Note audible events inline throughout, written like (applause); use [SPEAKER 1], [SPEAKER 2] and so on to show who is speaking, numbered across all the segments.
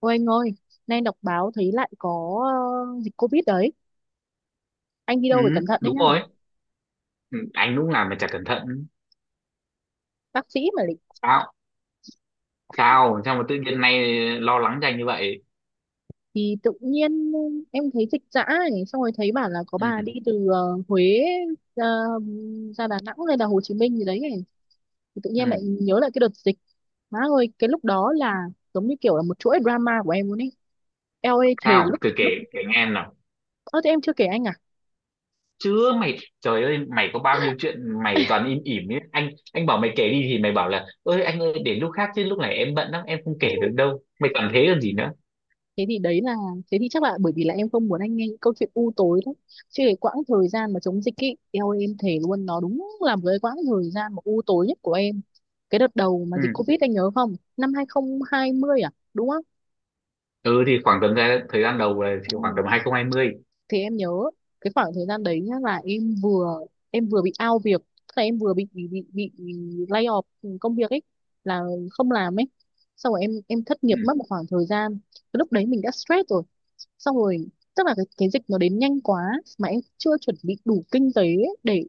[SPEAKER 1] Ôi anh ơi, nay đọc báo thấy lại có dịch Covid đấy. Anh đi
[SPEAKER 2] Ừ,
[SPEAKER 1] đâu phải cẩn thận đấy
[SPEAKER 2] đúng
[SPEAKER 1] nhá.
[SPEAKER 2] rồi. Ừ, anh lúc nào mà chả cẩn thận.
[SPEAKER 1] Bác sĩ mà lại.
[SPEAKER 2] Sao? Sao? Sao mà tự nhiên nay lo lắng cho anh như vậy?
[SPEAKER 1] Thì tự nhiên em thấy dịch dã ấy, xong rồi thấy bảo là có bà
[SPEAKER 2] Ừ,
[SPEAKER 1] đi từ Huế ra, ra Đà Nẵng hay là Hồ Chí Minh gì đấy ấy. Thì tự nhiên
[SPEAKER 2] ừ.
[SPEAKER 1] em lại nhớ lại cái đợt dịch. Má ơi, cái lúc đó là giống như kiểu là một chuỗi drama của em luôn ấy. Eo ơi, thề
[SPEAKER 2] Sao?
[SPEAKER 1] lúc
[SPEAKER 2] Cứ kể
[SPEAKER 1] lúc
[SPEAKER 2] kể nghe em nào.
[SPEAKER 1] Ơ thế em chưa kể anh
[SPEAKER 2] Chứ mày, trời ơi, mày có bao nhiêu chuyện
[SPEAKER 1] à?
[SPEAKER 2] mày toàn im ỉm ấy. Anh bảo mày kể đi thì mày bảo là ơi anh ơi để lúc khác chứ lúc này em bận lắm em không kể được đâu. Mày toàn thế còn gì nữa?
[SPEAKER 1] thế thì đấy là thế thì chắc là bởi vì là em không muốn anh nghe những câu chuyện u tối đấy, chứ cái quãng thời gian mà chống dịch ấy, eo ơi, em thề luôn, nó đúng là một cái quãng thời gian mà u tối nhất của em. Cái đợt đầu mà
[SPEAKER 2] Ừ.
[SPEAKER 1] dịch Covid anh nhớ không, năm 2020 à đúng không?
[SPEAKER 2] Ừ thì khoảng tầm ra thời gian đầu là thì khoảng
[SPEAKER 1] Ừ,
[SPEAKER 2] tầm 2020.
[SPEAKER 1] thì em nhớ cái khoảng thời gian đấy nhá, là em vừa bị out việc, tức là em vừa bị lay off công việc ấy, là không làm ấy, xong rồi em thất
[SPEAKER 2] Ừ.
[SPEAKER 1] nghiệp mất một khoảng thời gian, cái lúc đấy mình đã stress rồi. Xong rồi tức là cái dịch nó đến nhanh quá, mà em chưa chuẩn bị đủ kinh tế ấy để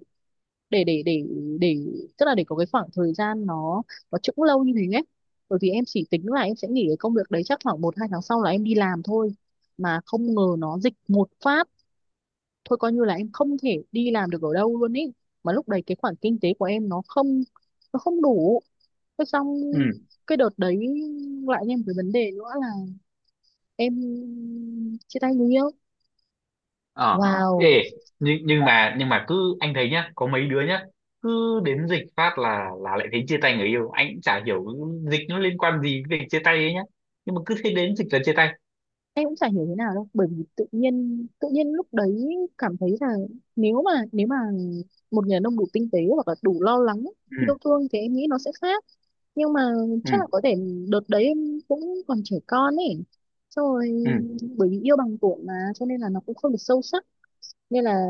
[SPEAKER 1] để để để để tức là để có cái khoảng thời gian nó chững lâu như thế ấy, bởi vì em chỉ tính là em sẽ nghỉ cái công việc đấy chắc khoảng một hai tháng sau là em đi làm thôi, mà không ngờ nó dịch một phát, thôi coi như là em không thể đi làm được ở đâu luôn ý, mà lúc đấy cái khoản kinh tế của em nó không đủ. Thế xong
[SPEAKER 2] Ừ.
[SPEAKER 1] cái đợt đấy lại thêm một cái vấn đề nữa là em chia tay người yêu.
[SPEAKER 2] ờ
[SPEAKER 1] Wow.
[SPEAKER 2] Ê, nhưng mà cứ anh thấy nhá, có mấy đứa nhá cứ đến dịch phát là lại thấy chia tay người yêu, anh cũng chả hiểu dịch nó liên quan gì với việc chia tay ấy nhá, nhưng mà cứ thấy đến dịch là chia tay.
[SPEAKER 1] Em cũng chả hiểu thế nào đâu, bởi vì tự nhiên, tự nhiên lúc đấy cảm thấy là nếu mà một người đàn ông đủ tinh tế hoặc là đủ lo lắng yêu
[SPEAKER 2] Ừ,
[SPEAKER 1] thương thì em nghĩ nó sẽ khác. Nhưng mà
[SPEAKER 2] ừ,
[SPEAKER 1] chắc là có thể đợt đấy em cũng còn trẻ con ấy, xong rồi
[SPEAKER 2] ừ,
[SPEAKER 1] bởi vì yêu bằng tuổi mà cho nên là nó cũng không được sâu sắc, nên là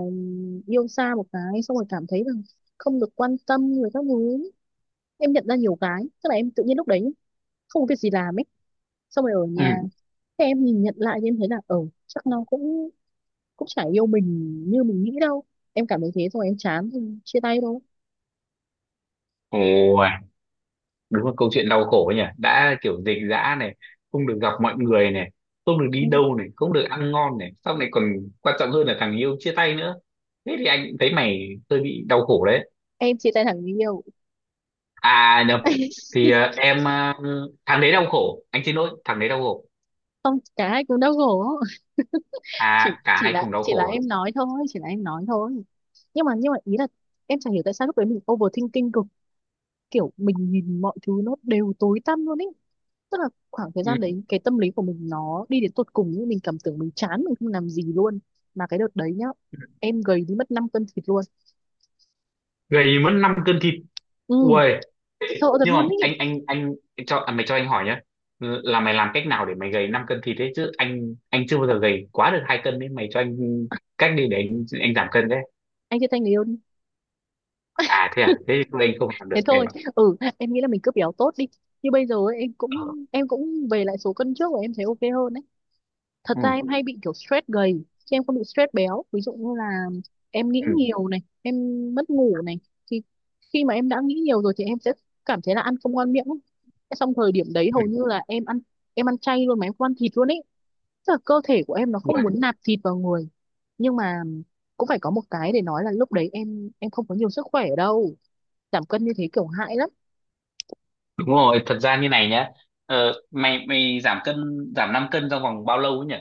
[SPEAKER 1] yêu xa một cái xong rồi cảm thấy là không được quan tâm người các thứ. Em nhận ra nhiều cái, tức là em tự nhiên lúc đấy không có việc gì làm ấy, xong rồi ở nhà.
[SPEAKER 2] ừ.
[SPEAKER 1] Thế em nhìn nhận lại thì em thấy là ừ, chắc nó cũng cũng chả yêu mình như mình nghĩ đâu, em cảm thấy thế rồi em chán thì chia tay thôi.
[SPEAKER 2] Ôi đúng là câu chuyện đau khổ ấy nhỉ, đã kiểu dịch dã này, không được gặp mọi người này, không được
[SPEAKER 1] Ừ.
[SPEAKER 2] đi đâu này, không được ăn ngon này, sau này còn quan trọng hơn là thằng yêu chia tay nữa, thế thì anh cũng thấy mày hơi bị đau khổ đấy.
[SPEAKER 1] Em chia tay thằng người yêu.
[SPEAKER 2] À nhầm,
[SPEAKER 1] (laughs)
[SPEAKER 2] thì em, thằng đấy đau khổ, anh xin lỗi, thằng đấy đau khổ.
[SPEAKER 1] Không, cả hai cùng đau khổ. chỉ
[SPEAKER 2] À cả
[SPEAKER 1] chỉ
[SPEAKER 2] hai
[SPEAKER 1] là
[SPEAKER 2] cùng đau
[SPEAKER 1] chỉ là
[SPEAKER 2] khổ à?
[SPEAKER 1] em nói thôi, chỉ là em nói thôi, nhưng mà ý là em chẳng hiểu tại sao lúc đấy mình overthinking cực, kiểu mình nhìn mọi thứ nó đều tối tăm luôn ấy, tức là khoảng thời gian
[SPEAKER 2] Ừ.
[SPEAKER 1] đấy cái tâm lý của mình nó đi đến tột cùng, nhưng mình cảm tưởng mình chán, mình không làm gì luôn. Mà cái đợt đấy nhá, em gầy đi mất 5 cân thịt luôn.
[SPEAKER 2] Gầy mất 5 cân thịt?
[SPEAKER 1] Ừ,
[SPEAKER 2] Ui.
[SPEAKER 1] sợ thật
[SPEAKER 2] Nhưng
[SPEAKER 1] luôn
[SPEAKER 2] mà
[SPEAKER 1] ấy.
[SPEAKER 2] anh cho, mày cho anh hỏi nhá, là mày làm cách nào để mày gầy 5 cân thịt đấy, chứ anh chưa bao giờ gầy quá được 2 cân đấy, mày cho anh cách đi để anh giảm cân đấy.
[SPEAKER 1] Anh chia tay người yêu đi,
[SPEAKER 2] À thế à, thế thì tôi anh không làm
[SPEAKER 1] thế
[SPEAKER 2] được em
[SPEAKER 1] thôi.
[SPEAKER 2] ạ.
[SPEAKER 1] Ừ, em nghĩ là mình cứ béo tốt đi, như bây giờ ấy, em
[SPEAKER 2] Ờ.
[SPEAKER 1] cũng em cũng về lại số cân trước và em thấy ok hơn đấy. Thật
[SPEAKER 2] Ừ.
[SPEAKER 1] ra em hay bị kiểu stress gầy chứ em không bị stress béo, ví dụ như là em nghĩ
[SPEAKER 2] Ừ.
[SPEAKER 1] nhiều này, em mất ngủ này, thì khi mà em đã nghĩ nhiều rồi thì em sẽ cảm thấy là ăn không ngon miệng ấy. Thế xong thời điểm đấy
[SPEAKER 2] Ừ.
[SPEAKER 1] hầu như là em ăn chay luôn, mà em không ăn thịt luôn ấy, tức là cơ thể của em nó không
[SPEAKER 2] Ui.
[SPEAKER 1] muốn nạp thịt vào người. Nhưng mà cũng phải có một cái để nói là lúc đấy em không có nhiều sức khỏe đâu, giảm cân như thế kiểu hại lắm.
[SPEAKER 2] Đúng rồi, thật ra như này nhá, mày mày giảm cân, giảm 5 cân trong vòng bao lâu ấy nhỉ?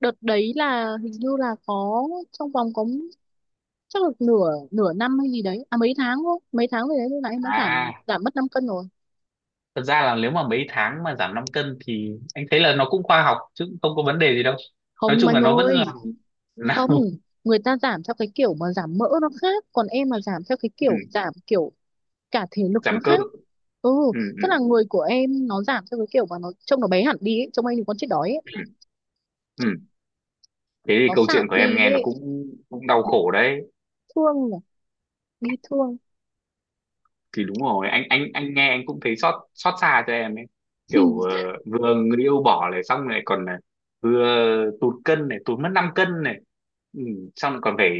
[SPEAKER 1] Đợt đấy là hình như là có trong vòng có, chắc là nửa nửa năm hay gì đấy, à, mấy tháng thôi, mấy tháng rồi đấy, lúc nãy em đã giảm
[SPEAKER 2] À
[SPEAKER 1] giảm mất 5 cân rồi.
[SPEAKER 2] thật ra là nếu mà mấy tháng mà giảm 5 cân thì anh thấy là nó cũng khoa học chứ cũng không có vấn đề gì đâu, nói
[SPEAKER 1] Không
[SPEAKER 2] chung
[SPEAKER 1] anh
[SPEAKER 2] là nó vẫn
[SPEAKER 1] ơi,
[SPEAKER 2] là
[SPEAKER 1] không, người ta giảm theo cái kiểu mà giảm mỡ nó khác, còn em mà giảm theo cái
[SPEAKER 2] (laughs) ừ,
[SPEAKER 1] kiểu giảm kiểu cả thể lực
[SPEAKER 2] giảm
[SPEAKER 1] nó
[SPEAKER 2] cơ.
[SPEAKER 1] khác. Ừ,
[SPEAKER 2] Ừ,
[SPEAKER 1] tức là
[SPEAKER 2] ừ,
[SPEAKER 1] người của em nó giảm theo cái kiểu mà nó trông nó bé hẳn đi ấy, trông anh thì con chết đói ấy.
[SPEAKER 2] ừ. Ừ. Thế thì
[SPEAKER 1] Nó
[SPEAKER 2] câu
[SPEAKER 1] sạm
[SPEAKER 2] chuyện của em
[SPEAKER 1] đi
[SPEAKER 2] nghe nó
[SPEAKER 1] ấy,
[SPEAKER 2] cũng cũng đau
[SPEAKER 1] bị
[SPEAKER 2] khổ đấy.
[SPEAKER 1] thương nhỉ, bị thương.
[SPEAKER 2] Thì đúng rồi, anh nghe anh cũng thấy xót xót xa cho em ấy,
[SPEAKER 1] (laughs)
[SPEAKER 2] kiểu vừa người yêu bỏ này, xong lại còn là vừa tụt cân này, tụt mất 5 cân này, ừ, xong lại còn phải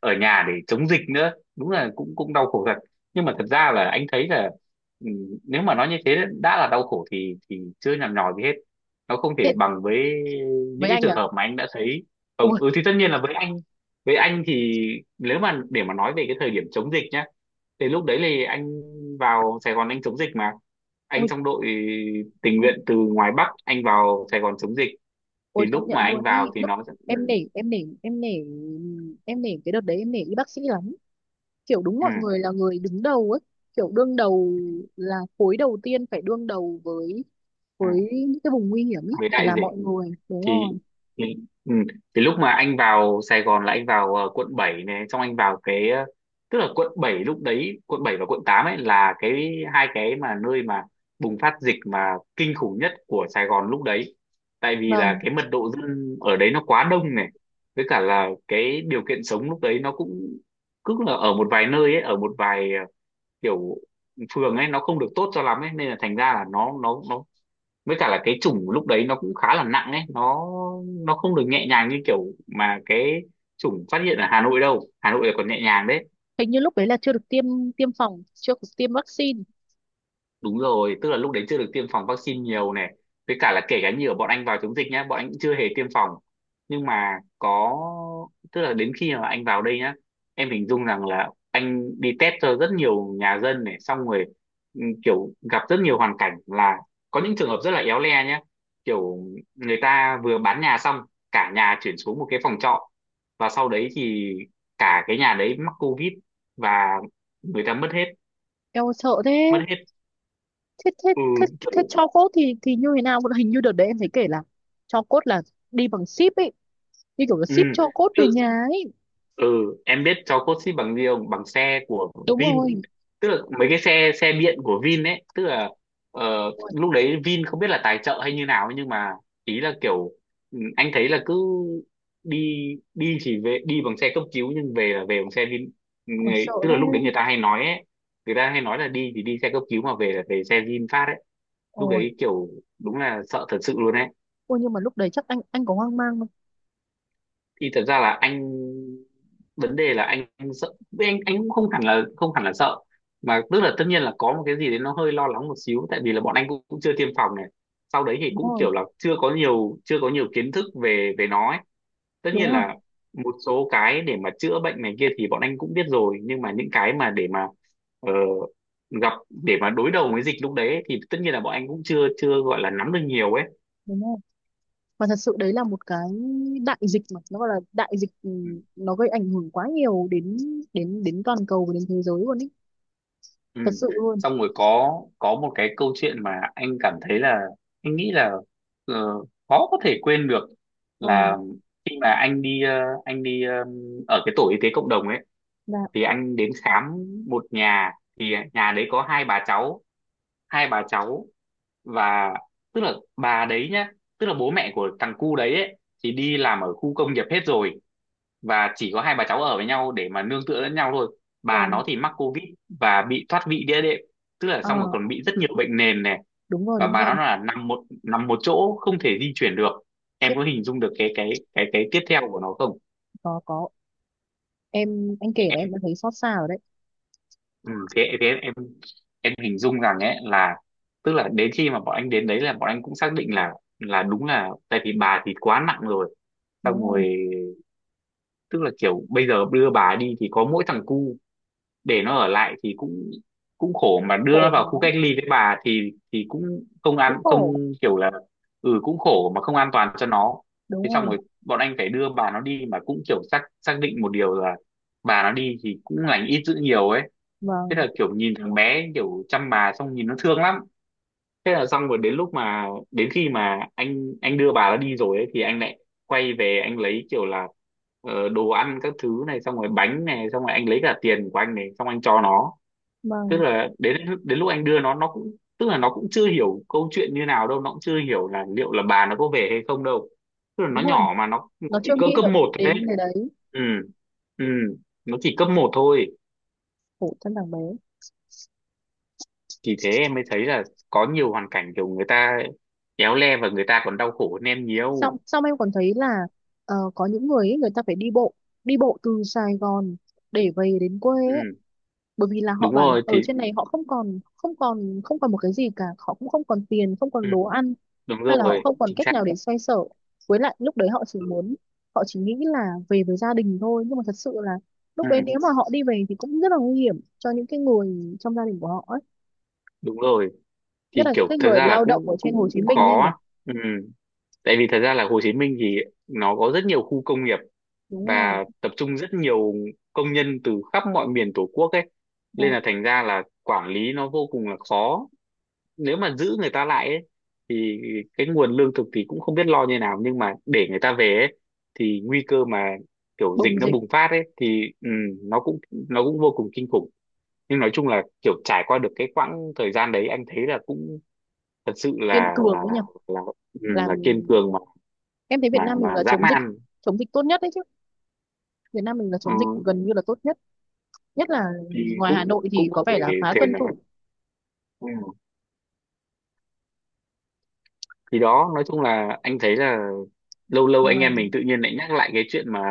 [SPEAKER 2] ở nhà để chống dịch nữa, đúng là cũng cũng đau khổ thật. Nhưng mà thật ra là anh thấy là, ừ, nếu mà nói như thế đã là đau khổ thì chưa nhằn nhò gì hết, nó không thể
[SPEAKER 1] Thế
[SPEAKER 2] bằng với những
[SPEAKER 1] với
[SPEAKER 2] cái
[SPEAKER 1] anh
[SPEAKER 2] trường
[SPEAKER 1] à?
[SPEAKER 2] hợp mà anh đã thấy.
[SPEAKER 1] Ôi.
[SPEAKER 2] Không, ừ, thì tất nhiên là với anh thì nếu mà để mà nói về cái thời điểm chống dịch nhá, thì lúc đấy thì anh vào Sài Gòn anh chống dịch mà. Anh trong đội tình nguyện từ ngoài Bắc anh vào Sài Gòn chống dịch. Thì
[SPEAKER 1] Ôi
[SPEAKER 2] lúc
[SPEAKER 1] công nhận
[SPEAKER 2] mà anh
[SPEAKER 1] luôn ý
[SPEAKER 2] vào thì
[SPEAKER 1] lúc, em
[SPEAKER 2] ừ,
[SPEAKER 1] nể, em nể cái đợt đấy, em nể y bác sĩ lắm, kiểu đúng
[SPEAKER 2] ừ,
[SPEAKER 1] mọi người là người đứng đầu ấy, kiểu đương đầu, là khối đầu tiên phải đương đầu với
[SPEAKER 2] ừ,
[SPEAKER 1] với những cái vùng nguy hiểm ý,
[SPEAKER 2] với
[SPEAKER 1] chỉ
[SPEAKER 2] đại
[SPEAKER 1] là
[SPEAKER 2] dịch
[SPEAKER 1] mọi người đúng rồi.
[SPEAKER 2] thì thì, ừ. Thì lúc mà anh vào Sài Gòn là anh vào quận 7 này, xong anh vào cái tức là quận 7 lúc đấy, quận 7 và quận 8 ấy là cái hai cái mà nơi mà bùng phát dịch mà kinh khủng nhất của Sài Gòn lúc đấy, tại vì là
[SPEAKER 1] Vâng.
[SPEAKER 2] cái mật độ dân ở đấy nó quá đông này, với cả là cái điều kiện sống lúc đấy nó cũng cứ là ở một vài nơi ấy, ở một vài kiểu phường ấy nó không được tốt cho lắm ấy nên là thành ra là nó với cả là cái chủng lúc đấy nó cũng khá là nặng ấy, nó không được nhẹ nhàng như kiểu mà cái chủng phát hiện ở Hà Nội đâu, Hà Nội là còn nhẹ nhàng đấy.
[SPEAKER 1] Hình như lúc đấy là chưa được tiêm tiêm phòng, chưa được tiêm vaccine.
[SPEAKER 2] Đúng rồi, tức là lúc đấy chưa được tiêm phòng vaccine nhiều này. Với cả là kể cả như ở bọn anh vào chống dịch nhá, bọn anh cũng chưa hề tiêm phòng. Nhưng mà có, tức là đến khi mà anh vào đây nhá, em hình dung rằng là anh đi test cho rất nhiều nhà dân này, xong rồi ừ, kiểu gặp rất nhiều hoàn cảnh là có những trường hợp rất là éo le nhá. Kiểu người ta vừa bán nhà xong, cả nhà chuyển xuống một cái phòng trọ. Và sau đấy thì cả cái nhà đấy mắc COVID và người ta mất hết,
[SPEAKER 1] Em ơi, sợ thế.
[SPEAKER 2] mất hết,
[SPEAKER 1] Thế thế
[SPEAKER 2] ừ,
[SPEAKER 1] thế thế
[SPEAKER 2] kiểu,
[SPEAKER 1] cho cốt thì như thế nào, hình như đợt đấy em thấy kể là cho cốt là đi bằng ship ấy, như kiểu là
[SPEAKER 2] ừ,
[SPEAKER 1] ship cho cốt về
[SPEAKER 2] tự
[SPEAKER 1] nhà ấy.
[SPEAKER 2] ừ, em biết cháu cốt xích bằng gì không, bằng xe của
[SPEAKER 1] Đúng
[SPEAKER 2] Vin,
[SPEAKER 1] rồi.
[SPEAKER 2] tức là mấy cái xe xe điện của Vin ấy, tức là
[SPEAKER 1] Ôi,
[SPEAKER 2] lúc đấy Vin không biết là tài trợ hay như nào ấy, nhưng mà ý là kiểu, ừ, anh thấy là cứ đi đi chỉ về, đi bằng xe cấp cứu nhưng về là về bằng xe Vin,
[SPEAKER 1] ôi,
[SPEAKER 2] người,
[SPEAKER 1] sợ
[SPEAKER 2] tức
[SPEAKER 1] thế.
[SPEAKER 2] là lúc đấy người ta hay nói ấy, người ta hay nói là đi thì đi xe cấp cứu mà về là về xe VinFast ấy, lúc
[SPEAKER 1] Ôi,
[SPEAKER 2] đấy kiểu đúng là sợ thật sự luôn.
[SPEAKER 1] ôi, nhưng mà lúc đấy chắc anh có hoang mang không?
[SPEAKER 2] Thì thật ra là anh, vấn đề là anh, sợ, anh cũng không hẳn là sợ, mà tức là tất nhiên là có một cái gì đấy nó hơi lo lắng một xíu, tại vì là bọn anh cũng chưa tiêm phòng này, sau đấy thì
[SPEAKER 1] Đúng
[SPEAKER 2] cũng
[SPEAKER 1] rồi,
[SPEAKER 2] kiểu là chưa có nhiều kiến thức về về nó ấy. Tất nhiên
[SPEAKER 1] đúng rồi,
[SPEAKER 2] là một số cái để mà chữa bệnh này kia thì bọn anh cũng biết rồi, nhưng mà những cái mà để mà ờ, gặp để mà đối đầu với dịch lúc đấy ấy, thì tất nhiên là bọn anh cũng chưa chưa gọi là nắm được nhiều ấy.
[SPEAKER 1] đúng rồi. Và thật sự đấy là một cái đại dịch mà nó gọi là đại dịch, ừ, nó gây ảnh hưởng quá nhiều đến, đến toàn cầu và đến thế giới luôn ý.
[SPEAKER 2] Ừ.
[SPEAKER 1] Thật sự luôn.
[SPEAKER 2] Xong rồi có một cái câu chuyện mà anh cảm thấy là anh nghĩ là ờ, khó có thể quên được,
[SPEAKER 1] Vâng.
[SPEAKER 2] là khi mà anh đi anh đi ở cái tổ y tế cộng đồng ấy,
[SPEAKER 1] Dạ.
[SPEAKER 2] thì anh đến khám một nhà, thì nhà đấy có hai bà cháu, hai bà cháu và tức là bà đấy nhá, tức là bố mẹ của thằng cu đấy ấy, thì đi làm ở khu công nghiệp hết rồi, và chỉ có hai bà cháu ở với nhau để mà nương tựa lẫn nhau thôi, bà
[SPEAKER 1] Vâng.
[SPEAKER 2] nó thì mắc covid và bị thoát vị đĩa đệm, tức là
[SPEAKER 1] Ờ,
[SPEAKER 2] xong rồi còn bị rất nhiều bệnh nền này,
[SPEAKER 1] đúng rồi,
[SPEAKER 2] và
[SPEAKER 1] đúng
[SPEAKER 2] bà
[SPEAKER 1] rồi.
[SPEAKER 2] nó là nằm một chỗ không thể di chuyển được, em
[SPEAKER 1] Khiếp,
[SPEAKER 2] có hình dung được cái tiếp theo của nó không?
[SPEAKER 1] có, em anh kể là em
[SPEAKER 2] Em,
[SPEAKER 1] đã thấy xót xa rồi đấy.
[SPEAKER 2] ừ, thế thế em hình dung rằng ấy là, tức là đến khi mà bọn anh đến đấy là bọn anh cũng xác định là đúng là, tại vì bà thì quá nặng rồi, xong
[SPEAKER 1] Đúng rồi,
[SPEAKER 2] rồi tức là kiểu bây giờ đưa bà đi thì có mỗi thằng cu, để nó ở lại thì cũng cũng khổ, mà đưa nó
[SPEAKER 1] khổ
[SPEAKER 2] vào khu
[SPEAKER 1] nó,
[SPEAKER 2] cách ly với bà thì cũng
[SPEAKER 1] cũng khổ,
[SPEAKER 2] không kiểu là, ừ, cũng khổ mà không an toàn cho nó,
[SPEAKER 1] đúng
[SPEAKER 2] thế xong
[SPEAKER 1] rồi.
[SPEAKER 2] rồi bọn anh phải đưa bà nó đi, mà cũng kiểu xác xác định một điều là bà nó đi thì cũng lành ít dữ nhiều ấy, thế
[SPEAKER 1] Vâng.
[SPEAKER 2] là kiểu nhìn thằng bé kiểu chăm bà, xong nhìn nó thương lắm. Thế là xong rồi đến khi mà anh đưa bà nó đi rồi ấy, thì anh lại quay về, anh lấy kiểu là đồ ăn các thứ này, xong rồi bánh này, xong rồi anh lấy cả tiền của anh này, xong anh cho nó, tức
[SPEAKER 1] Vâng.
[SPEAKER 2] là đến đến lúc anh đưa nó cũng tức là nó cũng chưa hiểu câu chuyện như nào đâu, nó cũng chưa hiểu là liệu là bà nó có về hay không đâu, tức là nó
[SPEAKER 1] Đúng rồi.
[SPEAKER 2] nhỏ mà nó
[SPEAKER 1] Nó chưa
[SPEAKER 2] chỉ cỡ
[SPEAKER 1] nghĩ
[SPEAKER 2] cấp
[SPEAKER 1] được
[SPEAKER 2] một thôi
[SPEAKER 1] đến
[SPEAKER 2] đấy.
[SPEAKER 1] cái đấy.
[SPEAKER 2] Ừ. Ừ. Nó chỉ cấp 1 thôi.
[SPEAKER 1] Khổ thân thằng bé.
[SPEAKER 2] Thì thế em mới thấy là có nhiều hoàn cảnh kiểu người ta éo le, và người ta còn đau khổ hơn em nhiều.
[SPEAKER 1] Xong xong em còn thấy là có những người ấy, người ta phải đi bộ, đi bộ từ Sài Gòn để về đến quê ấy.
[SPEAKER 2] Ừ
[SPEAKER 1] Bởi vì là họ
[SPEAKER 2] đúng
[SPEAKER 1] bảo là
[SPEAKER 2] rồi,
[SPEAKER 1] ở
[SPEAKER 2] thì,
[SPEAKER 1] trên này họ không còn, không còn một cái gì cả, họ cũng không còn tiền, không
[SPEAKER 2] ừ,
[SPEAKER 1] còn đồ ăn,
[SPEAKER 2] đúng
[SPEAKER 1] hay là họ
[SPEAKER 2] rồi,
[SPEAKER 1] không còn
[SPEAKER 2] chính
[SPEAKER 1] cách
[SPEAKER 2] xác.
[SPEAKER 1] nào để xoay sở, với lại lúc đấy họ chỉ
[SPEAKER 2] Ừ,
[SPEAKER 1] muốn, họ chỉ nghĩ là về với gia đình thôi, nhưng mà thật sự là
[SPEAKER 2] ừ,
[SPEAKER 1] lúc đấy nếu mà họ đi về thì cũng rất là nguy hiểm cho những cái người trong gia đình của họ ấy.
[SPEAKER 2] đúng rồi,
[SPEAKER 1] Nhất
[SPEAKER 2] thì
[SPEAKER 1] là những
[SPEAKER 2] kiểu
[SPEAKER 1] cái
[SPEAKER 2] thật
[SPEAKER 1] người
[SPEAKER 2] ra là
[SPEAKER 1] lao động
[SPEAKER 2] cũng
[SPEAKER 1] ở trên Hồ
[SPEAKER 2] cũng
[SPEAKER 1] Chí
[SPEAKER 2] cũng
[SPEAKER 1] Minh nha anh
[SPEAKER 2] khó
[SPEAKER 1] nhỉ.
[SPEAKER 2] á. Ừ, tại vì thật ra là Hồ Chí Minh thì nó có rất nhiều khu công nghiệp,
[SPEAKER 1] Đúng rồi.
[SPEAKER 2] và tập trung rất nhiều công nhân từ khắp mọi miền Tổ quốc ấy, nên
[SPEAKER 1] Đó.
[SPEAKER 2] là thành ra là quản lý nó vô cùng là khó, nếu mà giữ người ta lại ấy, thì cái nguồn lương thực thì cũng không biết lo như nào, nhưng mà để người ta về ấy, thì nguy cơ mà kiểu dịch
[SPEAKER 1] Bùng
[SPEAKER 2] nó
[SPEAKER 1] dịch.
[SPEAKER 2] bùng phát ấy thì, ừ, nó cũng vô cùng kinh khủng. Nhưng nói chung là kiểu trải qua được cái quãng thời gian đấy anh thấy là cũng thật sự
[SPEAKER 1] Kiên cường ấy nhỉ.
[SPEAKER 2] là, ừ,
[SPEAKER 1] Làm
[SPEAKER 2] là kiên cường,
[SPEAKER 1] em thấy Việt Nam mình
[SPEAKER 2] mà
[SPEAKER 1] là
[SPEAKER 2] dã
[SPEAKER 1] chống dịch
[SPEAKER 2] man.
[SPEAKER 1] chống dịch tốt nhất đấy chứ, Việt Nam mình là chống dịch
[SPEAKER 2] Ừ,
[SPEAKER 1] gần như là tốt nhất, nhất là
[SPEAKER 2] thì
[SPEAKER 1] ngoài
[SPEAKER 2] cũng
[SPEAKER 1] Hà Nội thì
[SPEAKER 2] cũng có
[SPEAKER 1] có
[SPEAKER 2] thể
[SPEAKER 1] vẻ là khá
[SPEAKER 2] thể
[SPEAKER 1] tuân
[SPEAKER 2] nói.
[SPEAKER 1] thủ.
[SPEAKER 2] Ừ. Thì đó nói chung là anh thấy là lâu lâu
[SPEAKER 1] Mà
[SPEAKER 2] anh em mình tự nhiên lại nhắc lại cái chuyện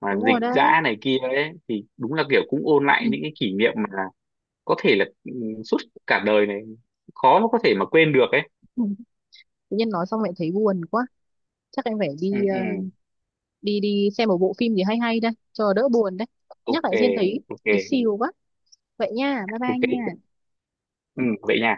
[SPEAKER 2] mà
[SPEAKER 1] đúng
[SPEAKER 2] dịch
[SPEAKER 1] rồi
[SPEAKER 2] dã
[SPEAKER 1] đấy.
[SPEAKER 2] này kia ấy, thì đúng là kiểu cũng ôn lại những
[SPEAKER 1] (laughs)
[SPEAKER 2] cái kỷ niệm mà có thể là, ừ, suốt cả đời này khó mà có thể mà quên được ấy.
[SPEAKER 1] Tự nhiên nói xong lại thấy buồn quá, chắc em phải
[SPEAKER 2] Ừ, ừ.
[SPEAKER 1] đi đi xem một bộ phim gì hay hay đây cho đỡ buồn đấy. Nhắc
[SPEAKER 2] Ok,
[SPEAKER 1] lại Diên thấy
[SPEAKER 2] ok,
[SPEAKER 1] thấy xìu quá. Vậy nha, bye bye
[SPEAKER 2] ok.
[SPEAKER 1] nha.
[SPEAKER 2] Ừ, vậy nha.